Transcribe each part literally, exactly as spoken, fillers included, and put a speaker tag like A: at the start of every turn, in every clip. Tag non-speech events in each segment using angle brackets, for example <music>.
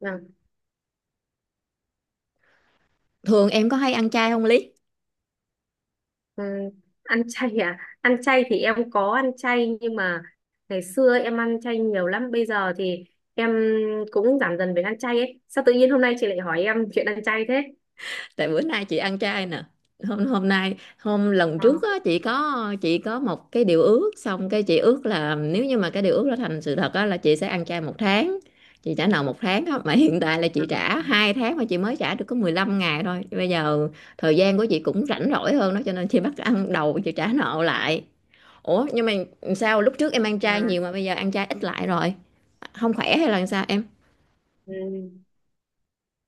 A: Vâng.
B: Thường em có hay ăn chay không, Lý?
A: Ừ. Ăn chay à? Ăn chay thì em có ăn chay nhưng mà ngày xưa em ăn chay nhiều lắm. Bây giờ thì em cũng giảm dần về ăn chay ấy. Sao tự nhiên hôm nay chị lại hỏi em chuyện ăn chay thế?
B: Tại bữa nay chị ăn chay nè. Hôm hôm nay hôm lần
A: Ờ.
B: trước á chị có chị có một cái điều ước, xong cái chị ước là nếu như mà cái điều ước đó thành sự thật á là chị sẽ ăn chay một tháng. Chị trả nợ một tháng á mà <laughs> hiện tại là chị
A: Ờ.
B: trả hai tháng, mà chị mới trả được có mười lăm ngày thôi. Bây giờ thời gian của chị cũng rảnh rỗi hơn đó, cho nên chị bắt ăn đầu chị trả nợ lại. Ủa, nhưng mà sao lúc trước em ăn
A: Ờ.
B: chay nhiều mà bây giờ ăn chay ít lại rồi? Không khỏe hay là sao em?
A: Ừ.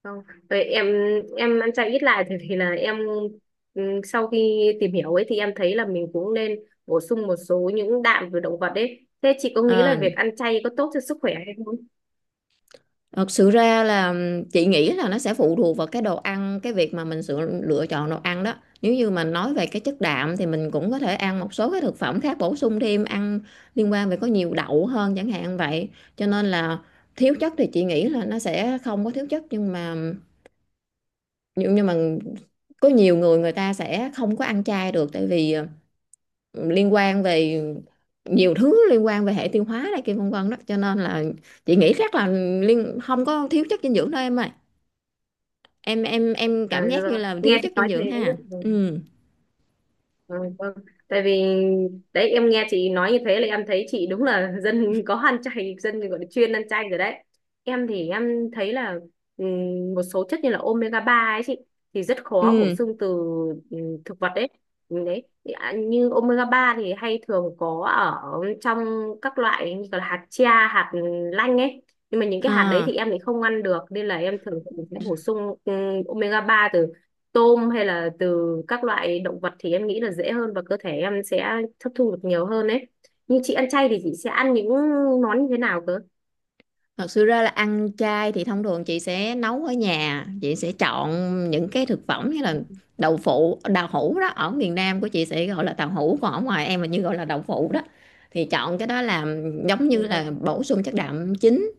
A: Không. Vậy em em ăn chay ít lại thì thì là em, ừ, sau khi tìm hiểu ấy thì em thấy là mình cũng nên bổ sung một số những đạm từ động vật ấy. Thế chị có nghĩ là
B: À,
A: việc ăn chay có tốt cho sức khỏe hay không?
B: thật sự ra là chị nghĩ là nó sẽ phụ thuộc vào cái đồ ăn, cái việc mà mình sự lựa chọn đồ ăn đó. Nếu như mà nói về cái chất đạm thì mình cũng có thể ăn một số cái thực phẩm khác bổ sung thêm, ăn liên quan về có nhiều đậu hơn chẳng hạn vậy. Cho nên là thiếu chất thì chị nghĩ là nó sẽ không có thiếu chất, nhưng mà nhưng nhưng mà có nhiều người người ta sẽ không có ăn chay được, tại vì ờ, liên quan về nhiều thứ, liên quan về hệ tiêu hóa này kia vân vân đó, cho nên là chị nghĩ chắc là liên không có thiếu chất dinh dưỡng đâu em ơi. Em em em
A: À,
B: cảm giác như
A: rồi,
B: là thiếu
A: nghe chị
B: chất dinh
A: nói
B: dưỡng
A: thế.
B: ha.
A: Ừ.
B: Ừ,
A: Ừ, vâng. Tại vì đấy em nghe chị nói như thế là em thấy chị đúng là <laughs> dân có ăn chay, dân gọi là chuyên ăn chay rồi đấy. Em thì em thấy là ừm, một số chất như là omega ba ấy chị, thì rất khó bổ
B: ừ,
A: sung từ ừm, thực vật đấy. Ừ, đấy. Thì, à, như omega ba thì hay thường có ở trong các loại như là hạt chia, hạt lanh ấy, nhưng mà những cái hạt đấy thì
B: à,
A: em thì không ăn được, nên là em thường sẽ bổ sung ừm, omega ba từ tôm hay là từ các loại động vật, thì em nghĩ là dễ hơn và cơ thể em sẽ hấp thu được nhiều hơn đấy. Nhưng chị ăn chay thì chị sẽ ăn những món như thế nào
B: thật sự ra là ăn chay thì thông thường chị sẽ nấu ở nhà. Chị sẽ chọn những cái thực phẩm như là đậu phụ, đào hũ đó, ở miền Nam của chị sẽ gọi là tàu hũ, còn ở ngoài em là như gọi là đậu phụ đó, thì chọn cái đó làm giống
A: cơ?
B: như là bổ sung chất đạm chính.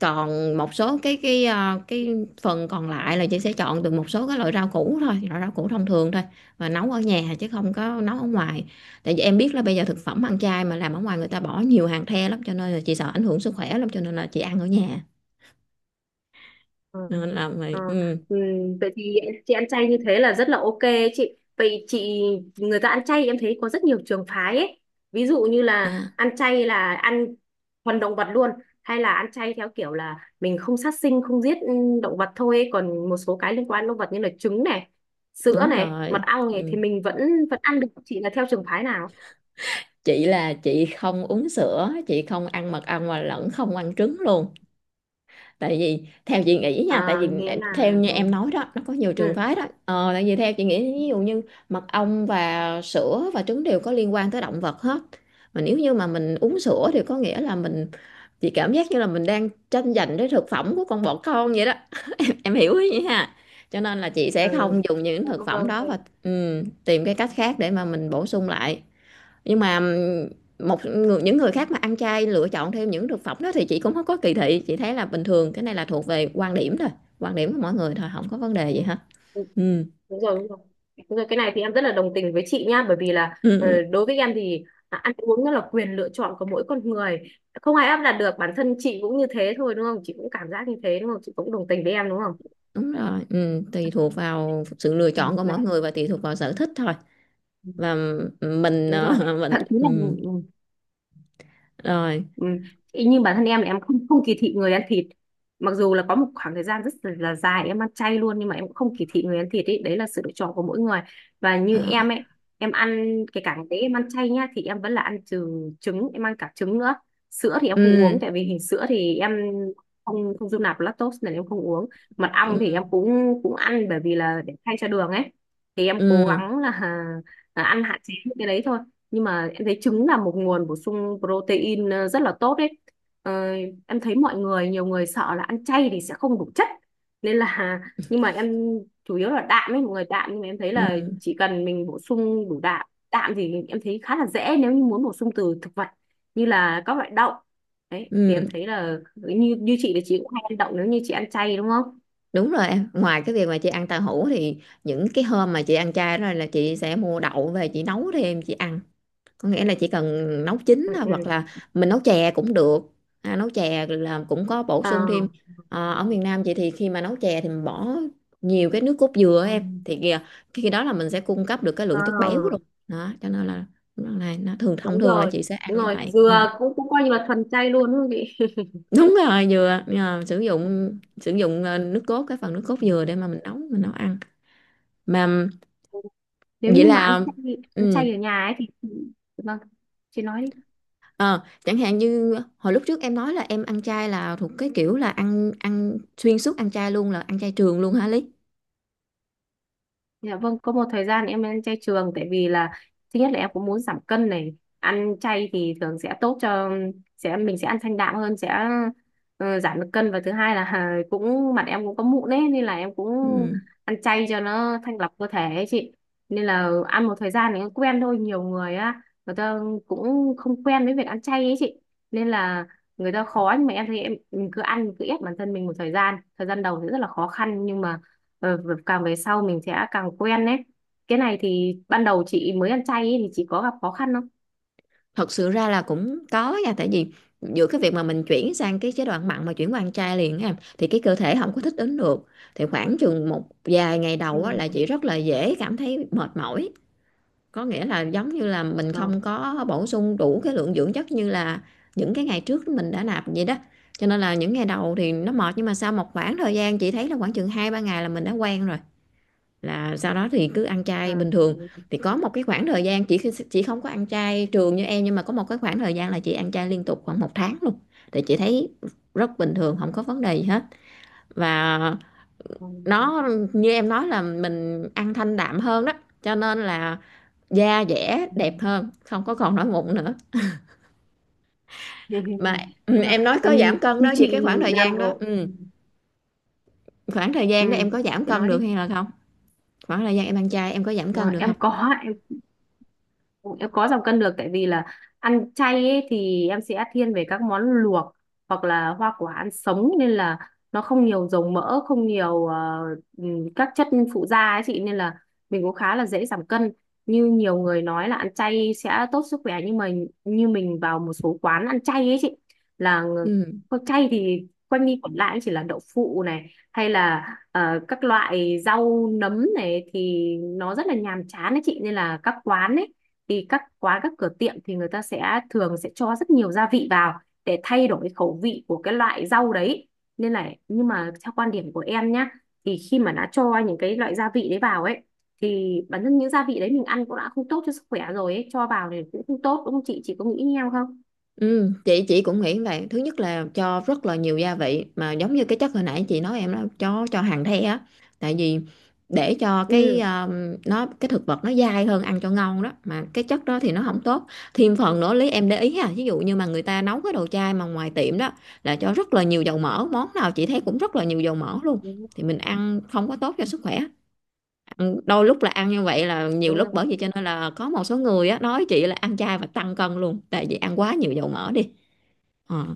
B: Còn một số cái cái ờ, cái phần còn lại là chị sẽ chọn từ một số cái loại rau củ thôi, loại rau củ thông thường thôi, và nấu ở nhà chứ không có nấu ở ngoài. Tại vì em biết là bây giờ thực phẩm ăn chay mà làm ở ngoài, người ta bỏ nhiều hàng the lắm, cho nên là chị sợ ảnh hưởng sức khỏe lắm, cho nên là chị ăn ở nhà,
A: Ờ.
B: nên là
A: Ờ.
B: mày ừ.
A: Ừ. Vậy thì chị ăn chay như thế là rất là ok ấy chị. Vậy chị, người ta ăn chay em thấy có rất nhiều trường phái ấy. Ví dụ như là
B: À,
A: ăn chay là ăn thuần động vật luôn, hay là ăn chay theo kiểu là mình không sát sinh, không giết ừ, động vật thôi ấy. Còn một số cái liên quan đến động vật như là trứng này, sữa
B: đúng
A: này, mật
B: rồi.
A: ong này
B: Ừ.
A: thì mình vẫn vẫn ăn được. Chị là theo trường phái nào?
B: Chị là chị không uống sữa, chị không ăn mật ong và lẫn không ăn trứng luôn. Tại vì theo chị nghĩ nha, tại
A: À,
B: vì
A: nghĩa
B: em- theo
A: là.
B: như
A: Ừ.
B: em nói đó, nó có nhiều trường
A: Ừ.
B: phái đó. ờ, Tại vì theo chị nghĩ, ví dụ như mật ong và sữa và trứng đều có liên quan tới động vật hết, mà nếu như mà mình uống sữa thì có nghĩa là mình, chị cảm giác như là mình đang tranh giành cái thực phẩm của con bọ con vậy đó. <clears throat> <coughs> Em hiểu ý vậy ha. Cho nên là chị
A: Ừ.
B: sẽ không dùng những
A: Dạ,
B: thực phẩm
A: vâng,
B: đó,
A: vâng.
B: và ừ, tìm cái cách khác để mà mình bổ sung lại. Nhưng mà một người, những người khác mà ăn chay lựa chọn thêm những thực phẩm đó thì chị cũng không có kỳ thị, chị thấy là bình thường. Cái này là thuộc về quan điểm thôi, quan điểm của mỗi người thôi, không có vấn đề gì
A: Ừ.
B: hết.
A: Ừ.
B: Ừm,
A: Đúng rồi, đúng rồi. Đúng rồi, cái này thì em rất là đồng tình với chị nha, bởi vì là,
B: ừm,
A: ờ, đối với em thì, à, ăn uống nó là quyền lựa chọn của mỗi con người. Không ai áp đặt được, bản thân chị cũng như thế thôi đúng không? Chị cũng cảm giác như thế đúng không? Chị cũng đồng tình với em đúng không?
B: đúng rồi, ừm, tùy thuộc vào sự lựa
A: Ừ,
B: chọn của
A: đấy.
B: mỗi người và tùy thuộc vào sở thích thôi.
A: Ừ.
B: Và mình,
A: Đúng
B: ờ,
A: rồi.
B: <laughs> mình
A: Thậm chí là.
B: ừm, rồi,
A: Ừ. Ý như bản thân em là em không không kỳ thị người ăn thịt, mặc dù là có một khoảng thời gian rất là dài em ăn chay luôn, nhưng mà em cũng không kỳ thị người ăn thịt ấy, đấy là sự lựa chọn của mỗi người. Và như
B: ờ,
A: em ấy, em ăn cái cả ngày đấy em ăn chay nhá, thì em vẫn là ăn trừ trứng, em ăn cả trứng nữa. Sữa thì em không uống,
B: ừm,
A: tại vì hình sữa thì em không không dung nạp lactose nên em không uống. Mật ong thì em
B: ừm,
A: cũng cũng ăn, bởi vì là để thay cho đường ấy, thì em cố
B: ừm,
A: gắng là, <laughs> là ăn hạn chế những cái đấy thôi, nhưng mà em thấy trứng là một nguồn bổ sung protein ờ, rất là tốt đấy. ờ, em thấy mọi người, nhiều người sợ là ăn chay thì sẽ không đủ chất, nên là, <laughs> nhưng mà em chủ yếu là đạm ấy, mọi người đạm, nhưng mà em thấy là
B: ừm,
A: chỉ cần mình bổ sung đủ đạm, đạm thì em thấy khá là dễ. Nếu như muốn bổ sung từ thực vật như là các loại đậu đấy, thì em
B: ừm,
A: thấy là như như chị là chị cũng hay ăn đậu nếu như chị ăn chay đúng không.
B: đúng rồi em. Ngoài cái việc mà chị ăn tàu hũ thì những cái hôm mà chị ăn chay rồi là chị sẽ mua đậu về chị nấu thêm chị ăn. Có nghĩa là chỉ cần nấu chín
A: Ừ.
B: thôi, hoặc
A: Ừ.
B: là mình nấu chè cũng được. À, nấu chè là cũng có bổ
A: Ờ.
B: sung thêm. Ờ, ở miền Nam chị thì khi mà nấu chè thì mình bỏ nhiều cái nước cốt dừa á,
A: Ừ.
B: em thì kìa khi đó là mình sẽ cung cấp được cái
A: Ờ.
B: lượng chất béo luôn đó, cho nên là này nó thường thông
A: Đúng
B: thường là
A: rồi,
B: chị sẽ ăn
A: đúng
B: như
A: rồi,
B: vậy. Ừ,
A: dừa cũng cũng coi như là thuần chay luôn đúng không chị. <laughs>
B: đúng rồi, dừa. Ờ, sử dụng sử dụng ờ, nước cốt, cái phần nước cốt dừa
A: Ừ.
B: để mà mình nấu, mình nấu ăn mà.
A: Nếu
B: Vậy
A: như mà ăn
B: là
A: chay ăn
B: ừ.
A: chay ở nhà ấy thì. Vâng. Chị nói đi.
B: Ờ, chẳng hạn như hồi lúc trước em nói là em ăn chay là thuộc cái kiểu là ăn ăn xuyên suốt, ăn chay luôn, là ăn chay trường luôn hả Lý?
A: Dạ vâng, có một thời gian em ăn chay trường, tại vì là thứ nhất là em cũng muốn giảm cân này, ăn chay thì thường sẽ tốt cho, sẽ mình sẽ ăn thanh đạm hơn, sẽ ờ, giảm được cân, và thứ hai là <laughs> cũng mặt em cũng có mụn ấy, nên là em cũng
B: Ừ,
A: ăn chay cho nó thanh lọc cơ thể ấy chị. Nên là ăn một thời gian thì cũng quen thôi, nhiều người á, người ta cũng không quen với việc ăn chay ấy chị. Nên là người ta khó, nhưng mà em thấy em mình cứ ăn, cứ ép bản thân mình một thời gian, thời gian đầu thì rất là khó khăn, nhưng mà Ờ, càng về sau mình sẽ càng quen đấy. Cái này thì ban đầu chị mới ăn chay ấy, thì chị có gặp khó khăn không?
B: thật sự ra là cũng có nha. Tại vì giữa cái việc mà mình chuyển sang cái chế độ ăn mặn mà chuyển qua ăn chay liền á em, thì cái cơ thể không có thích ứng được, thì khoảng chừng một vài ngày đầu á là
A: Ừ.
B: chị rất là dễ cảm thấy mệt mỏi. Có nghĩa là giống như là mình
A: Ờ.
B: không có bổ sung đủ cái lượng dưỡng chất như là những cái ngày trước mình đã nạp vậy đó. Cho nên là những ngày đầu thì nó mệt, nhưng mà sau một khoảng thời gian chị thấy là khoảng chừng hai ba ngày là mình đã quen rồi, là sau đó thì cứ ăn chay
A: À.
B: bình thường.
A: Ừ.
B: Thì có một cái khoảng thời gian chị chị không có ăn chay trường như em, nhưng mà có một cái khoảng thời gian là chị ăn chay liên tục khoảng một tháng luôn, thì chị thấy rất bình thường, không có vấn đề gì hết. Và
A: Ừ.
B: nó như em nói là mình ăn thanh đạm hơn đó, cho nên là da dẻ
A: Ừ.
B: đẹp hơn, không có còn nổi mụn nữa
A: <laughs>
B: mà. Ừ,
A: Đúng rồi.
B: em nói
A: Ừm,
B: có giảm cân
A: như
B: đó, vì
A: chị
B: cái khoảng thời
A: làm
B: gian đó
A: đồ.
B: ừ, khoảng thời
A: Ừ,
B: gian đó em có giảm
A: chị
B: cân
A: nói
B: được
A: đi.
B: hay là không, khoảng thời gian em ăn chay em có giảm cân
A: Ờ,
B: được không?
A: em có Em có giảm cân được, tại vì là ăn chay ấy, thì em sẽ thiên về các món luộc hoặc là hoa quả ăn sống, nên là nó không nhiều dầu mỡ, không nhiều, ờ, ừm, các chất phụ gia ấy chị, nên là mình cũng khá là dễ giảm cân. Như nhiều người nói là ăn chay sẽ tốt sức khỏe, nhưng mà như mình vào một số quán ăn chay ấy chị, là ng-
B: Ừ.
A: có chay thì quanh đi quẩn lại chỉ là đậu phụ này, hay là ờ, các loại rau nấm này, thì nó rất là nhàm chán đấy chị. Nên là các quán ấy, thì các quán, các cửa tiệm thì người ta sẽ thường sẽ cho rất nhiều gia vị vào để thay đổi khẩu vị của cái loại rau đấy, nên là, nhưng mà theo quan điểm của em nhá, thì khi mà đã cho những cái loại gia vị đấy vào ấy, thì bản thân những gia vị đấy mình ăn cũng đã không tốt cho sức khỏe rồi ấy, cho vào thì cũng không tốt đúng không chị, chị có nghĩ như em không?
B: Ừ, chị chị cũng nghĩ vậy. Thứ nhất là cho rất là nhiều gia vị, mà giống như cái chất hồi nãy chị nói em đó, cho cho hàn the á. Tại vì để cho cái
A: Ừ.
B: um, nó cái thực vật nó dai hơn, ăn cho ngon đó, mà cái chất đó thì nó không tốt. Thêm phần nữa, Lý em để ý ha, ví dụ như mà người ta nấu cái đồ chay mà ngoài tiệm đó là cho rất là nhiều dầu mỡ. Món nào chị thấy cũng rất là nhiều dầu mỡ luôn,
A: Ừ,
B: thì mình ăn không có tốt cho sức khỏe. Ăn- đôi lúc là ăn như vậy là nhiều
A: đúng
B: lúc,
A: rồi.
B: bởi vì cho nên là có một số người á nói chị là ăn chay và tăng cân luôn, tại vì ăn quá nhiều dầu mỡ đi. Ờ.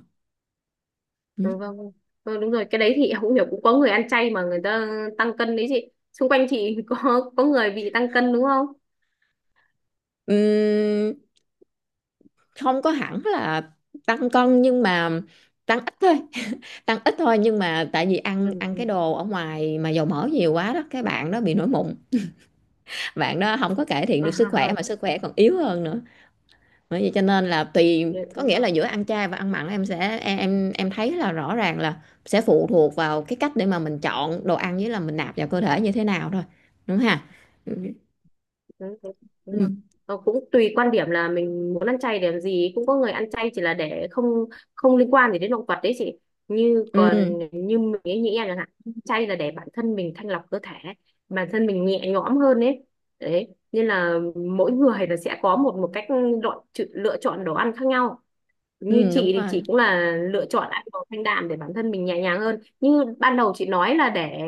B: Ừ.
A: Ừ, vâng, vâng. Ờ, đúng rồi, cái đấy thì em cũng hiểu, cũng có người ăn chay mà người ta tăng cân đấy chị, xung quanh chị <laughs> có có người bị tăng cân đúng không.
B: Ừm, không có hẳn là tăng cân, nhưng mà tăng ít thôi <laughs> tăng ít thôi, nhưng mà tại vì ăn
A: Ừ.
B: ăn
A: Ừ.
B: cái đồ
A: <laughs>
B: ở ngoài mà dầu mỡ nhiều quá đó, cái bạn đó bị nổi mụn, bạn đó không có cải thiện
A: À,
B: được sức
A: ha,
B: khỏe, mà
A: ha.
B: sức khỏe còn yếu hơn nữa. Bởi vậy cho nên là tùy,
A: Dạ,
B: có
A: đúng
B: nghĩa
A: rồi.
B: là giữa ăn chay và ăn mặn, em sẽ em em em thấy là rõ ràng là sẽ phụ thuộc vào cái cách để mà mình chọn đồ ăn, với là mình nạp vào cơ thể như thế nào thôi. Đúng ha. ừ
A: Đúng rồi, đúng rồi.
B: ừ,
A: Ờ, cũng tùy quan điểm là mình muốn ăn chay để làm gì, cũng có người ăn chay chỉ là để không không liên quan gì đến động vật đấy chị, như
B: ừ,
A: còn như mình ấy, nghĩ em chẳng hạn, chay là để bản thân mình thanh lọc cơ thể, bản thân mình nhẹ nhõm hơn ấy, đấy nên là mỗi người là sẽ có một một cách lựa, lựa chọn đồ ăn khác nhau. Như
B: ừ
A: chị
B: đúng
A: thì
B: rồi,
A: chị cũng là lựa chọn ăn đồ thanh đạm để bản thân mình nhẹ nhàng hơn, như ban đầu chị nói là để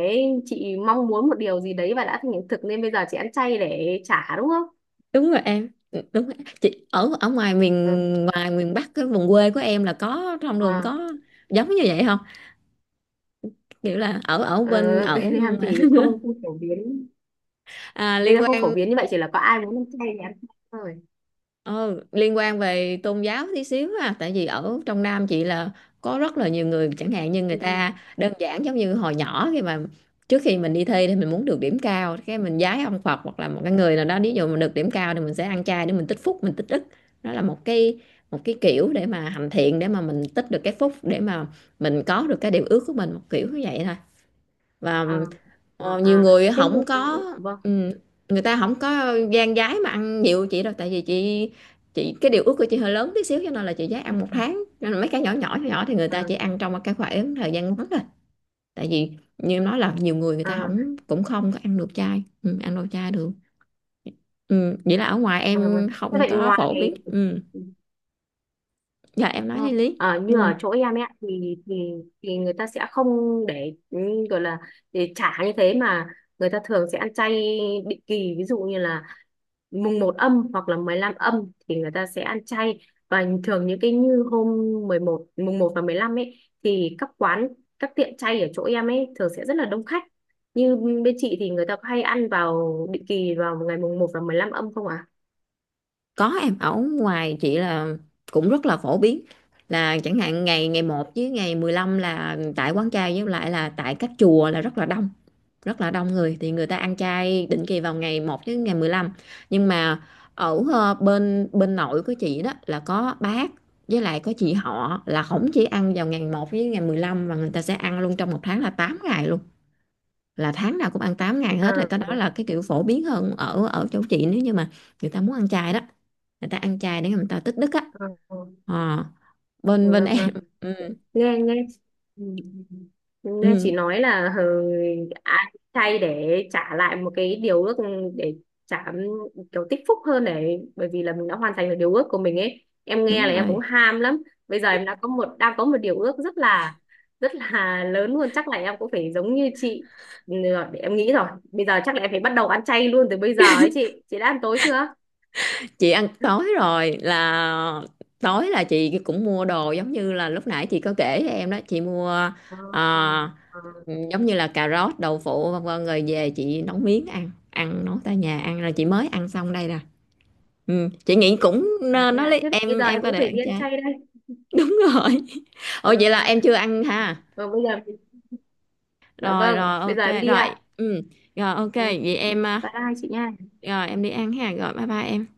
A: chị mong muốn một điều gì đấy và đã thành hiện thực, nên bây giờ chị ăn chay để trả đúng không.
B: đúng rồi em. Ừ, đúng rồi. Chị ở ở ngoài miền,
A: Ừ.
B: ngoài miền Bắc, cái vùng quê của em là có trong đường
A: À.
B: có giống như vậy không? Kiểu là ở ở
A: ờ,
B: bên
A: <laughs> bên
B: ở
A: em
B: <laughs>
A: thì không không phổ biến,
B: à,
A: bên
B: liên
A: em không phổ
B: quan.
A: biến như vậy, chỉ là có ai muốn ăn chay thì ăn chay thôi.
B: Ờ, liên quan về tôn giáo tí xíu ha, tại vì ở trong Nam chị là có rất là nhiều người. Chẳng hạn như người
A: Ừ.
B: ta đơn giản giống như hồi nhỏ, khi mà trước khi mình đi thi thì mình muốn được điểm cao, cái mình vái ông Phật hoặc là một cái người nào đó, ví dụ mình được điểm cao thì mình sẽ ăn chay để mình tích phúc, mình tích đức. Đó là một cái, một cái kiểu để mà hành thiện, để mà mình tích được cái phúc để mà mình có được cái điều ước của mình, một kiểu như vậy thôi. Và
A: À. À.
B: ờ, nhiều
A: À.
B: người
A: Thế
B: không
A: thì-
B: có
A: vâng.
B: ừm, người ta không có gan gái mà ăn nhiều chị đâu. Tại vì chị, chị cái điều ước của chị hơi lớn tí xíu, cho nên là chị dám
A: Ừ.
B: ăn một tháng, nên là mấy cái nhỏ nhỏ nhỏ nhỏ thì người
A: À.
B: ta chỉ ăn trong một cái khoảng thời gian ngắn thôi. Tại vì như em nói là nhiều người người ta
A: À.
B: không cũng không có ăn được chay, ừ, ăn đồ chay được. Ừ, vậy là ở ngoài
A: À, vâng.
B: em
A: Thế
B: không
A: vậy
B: có
A: ngoài.
B: phổ biến. Ừ, dạ em nói
A: Ờ.
B: đi Lý.
A: Ờ, như
B: Ừ.
A: ở chỗ em ấy ạ, thì thì thì người ta sẽ không để, ừ, gọi là để trả như thế, mà người ta thường sẽ ăn chay định kỳ, ví dụ như là mùng một âm hoặc là mười lăm âm thì người ta sẽ ăn chay, và thường những cái như hôm mười một, mùng một và mười lăm ấy, thì các quán, các tiệm chay ở chỗ em ấy thường sẽ rất là đông khách. Như bên chị thì người ta có hay ăn vào định kỳ vào ngày mùng một và mười lăm âm không ạ?
B: Có em. Ở ngoài chị là cũng rất là phổ biến. Là chẳng hạn ngày ngày một với ngày mười lăm là tại quán chay với lại là tại các chùa là rất là đông, rất là đông người. Thì người ta ăn chay định kỳ vào ngày một với ngày mười lăm. Nhưng mà ở ờ, bên bên nội của chị đó là có bác, với lại có chị họ là không chỉ ăn vào ngày một với ngày mười lăm, mà người ta sẽ ăn luôn trong một tháng là tám ngày, là tháng nào cũng ăn tám ngày hết. Rồi
A: À?
B: cái
A: À.
B: đó là cái kiểu phổ biến hơn ở ở chỗ chị, nếu như mà người ta muốn ăn chay đó, người ta ăn chay để người ta tích đức á.
A: À,
B: Ờ, bên bên
A: vâng,
B: em
A: vâng.
B: <laughs> ừ,
A: Nghe nghe. Ừ. Nghe
B: ừ,
A: chị nói là, hờ, ai chay để trả lại một cái điều ước, ừ, để trả, ừ, kiểu tích phúc hơn, để bởi vì là mình đã hoàn thành được điều ước của mình ấy, em nghe
B: đúng
A: là em cũng
B: rồi.
A: ham lắm. Bây giờ em đã có một đang có một điều ước rất là, rất là <laughs> lớn luôn, chắc là em cũng phải giống như chị. Ừ, để em nghĩ rồi, bây giờ chắc là em phải bắt đầu ăn chay luôn từ bây giờ ấy chị. Chị đã ăn tối chưa?
B: Chị ăn tối
A: <laughs>
B: rồi. Là tối là chị cũng mua đồ giống như là lúc nãy chị có kể với em đó. Chị mua
A: Ờ. Ờ.
B: ờ,
A: Ờ.
B: giống như là cà rốt, đậu phụ vân vân, rồi về chị nấu miếng ăn, ăn nấu tại nhà ăn, rồi chị mới ăn xong đây nè. Ừ, chị nghĩ cũng
A: À,
B: nên
A: thế
B: nó
A: ạ,
B: lấy
A: thế bây
B: em
A: giờ
B: em
A: em
B: có
A: cũng
B: thể
A: phải đi
B: ăn
A: ăn
B: chay.
A: chay đây.
B: <laughs> Đúng rồi. Ồ,
A: Dạ
B: vậy là
A: vâng.
B: em chưa ăn ha.
A: Vâng, bây giờ, dạ
B: Rồi
A: vâng,
B: rồi,
A: bây giờ em
B: ok
A: đi
B: rồi.
A: ạ.
B: Ừ, rồi ok,
A: Ừ.
B: vậy em à.
A: Bye hai chị nha.
B: Rồi em đi ăn ha. Rồi, bye bye em.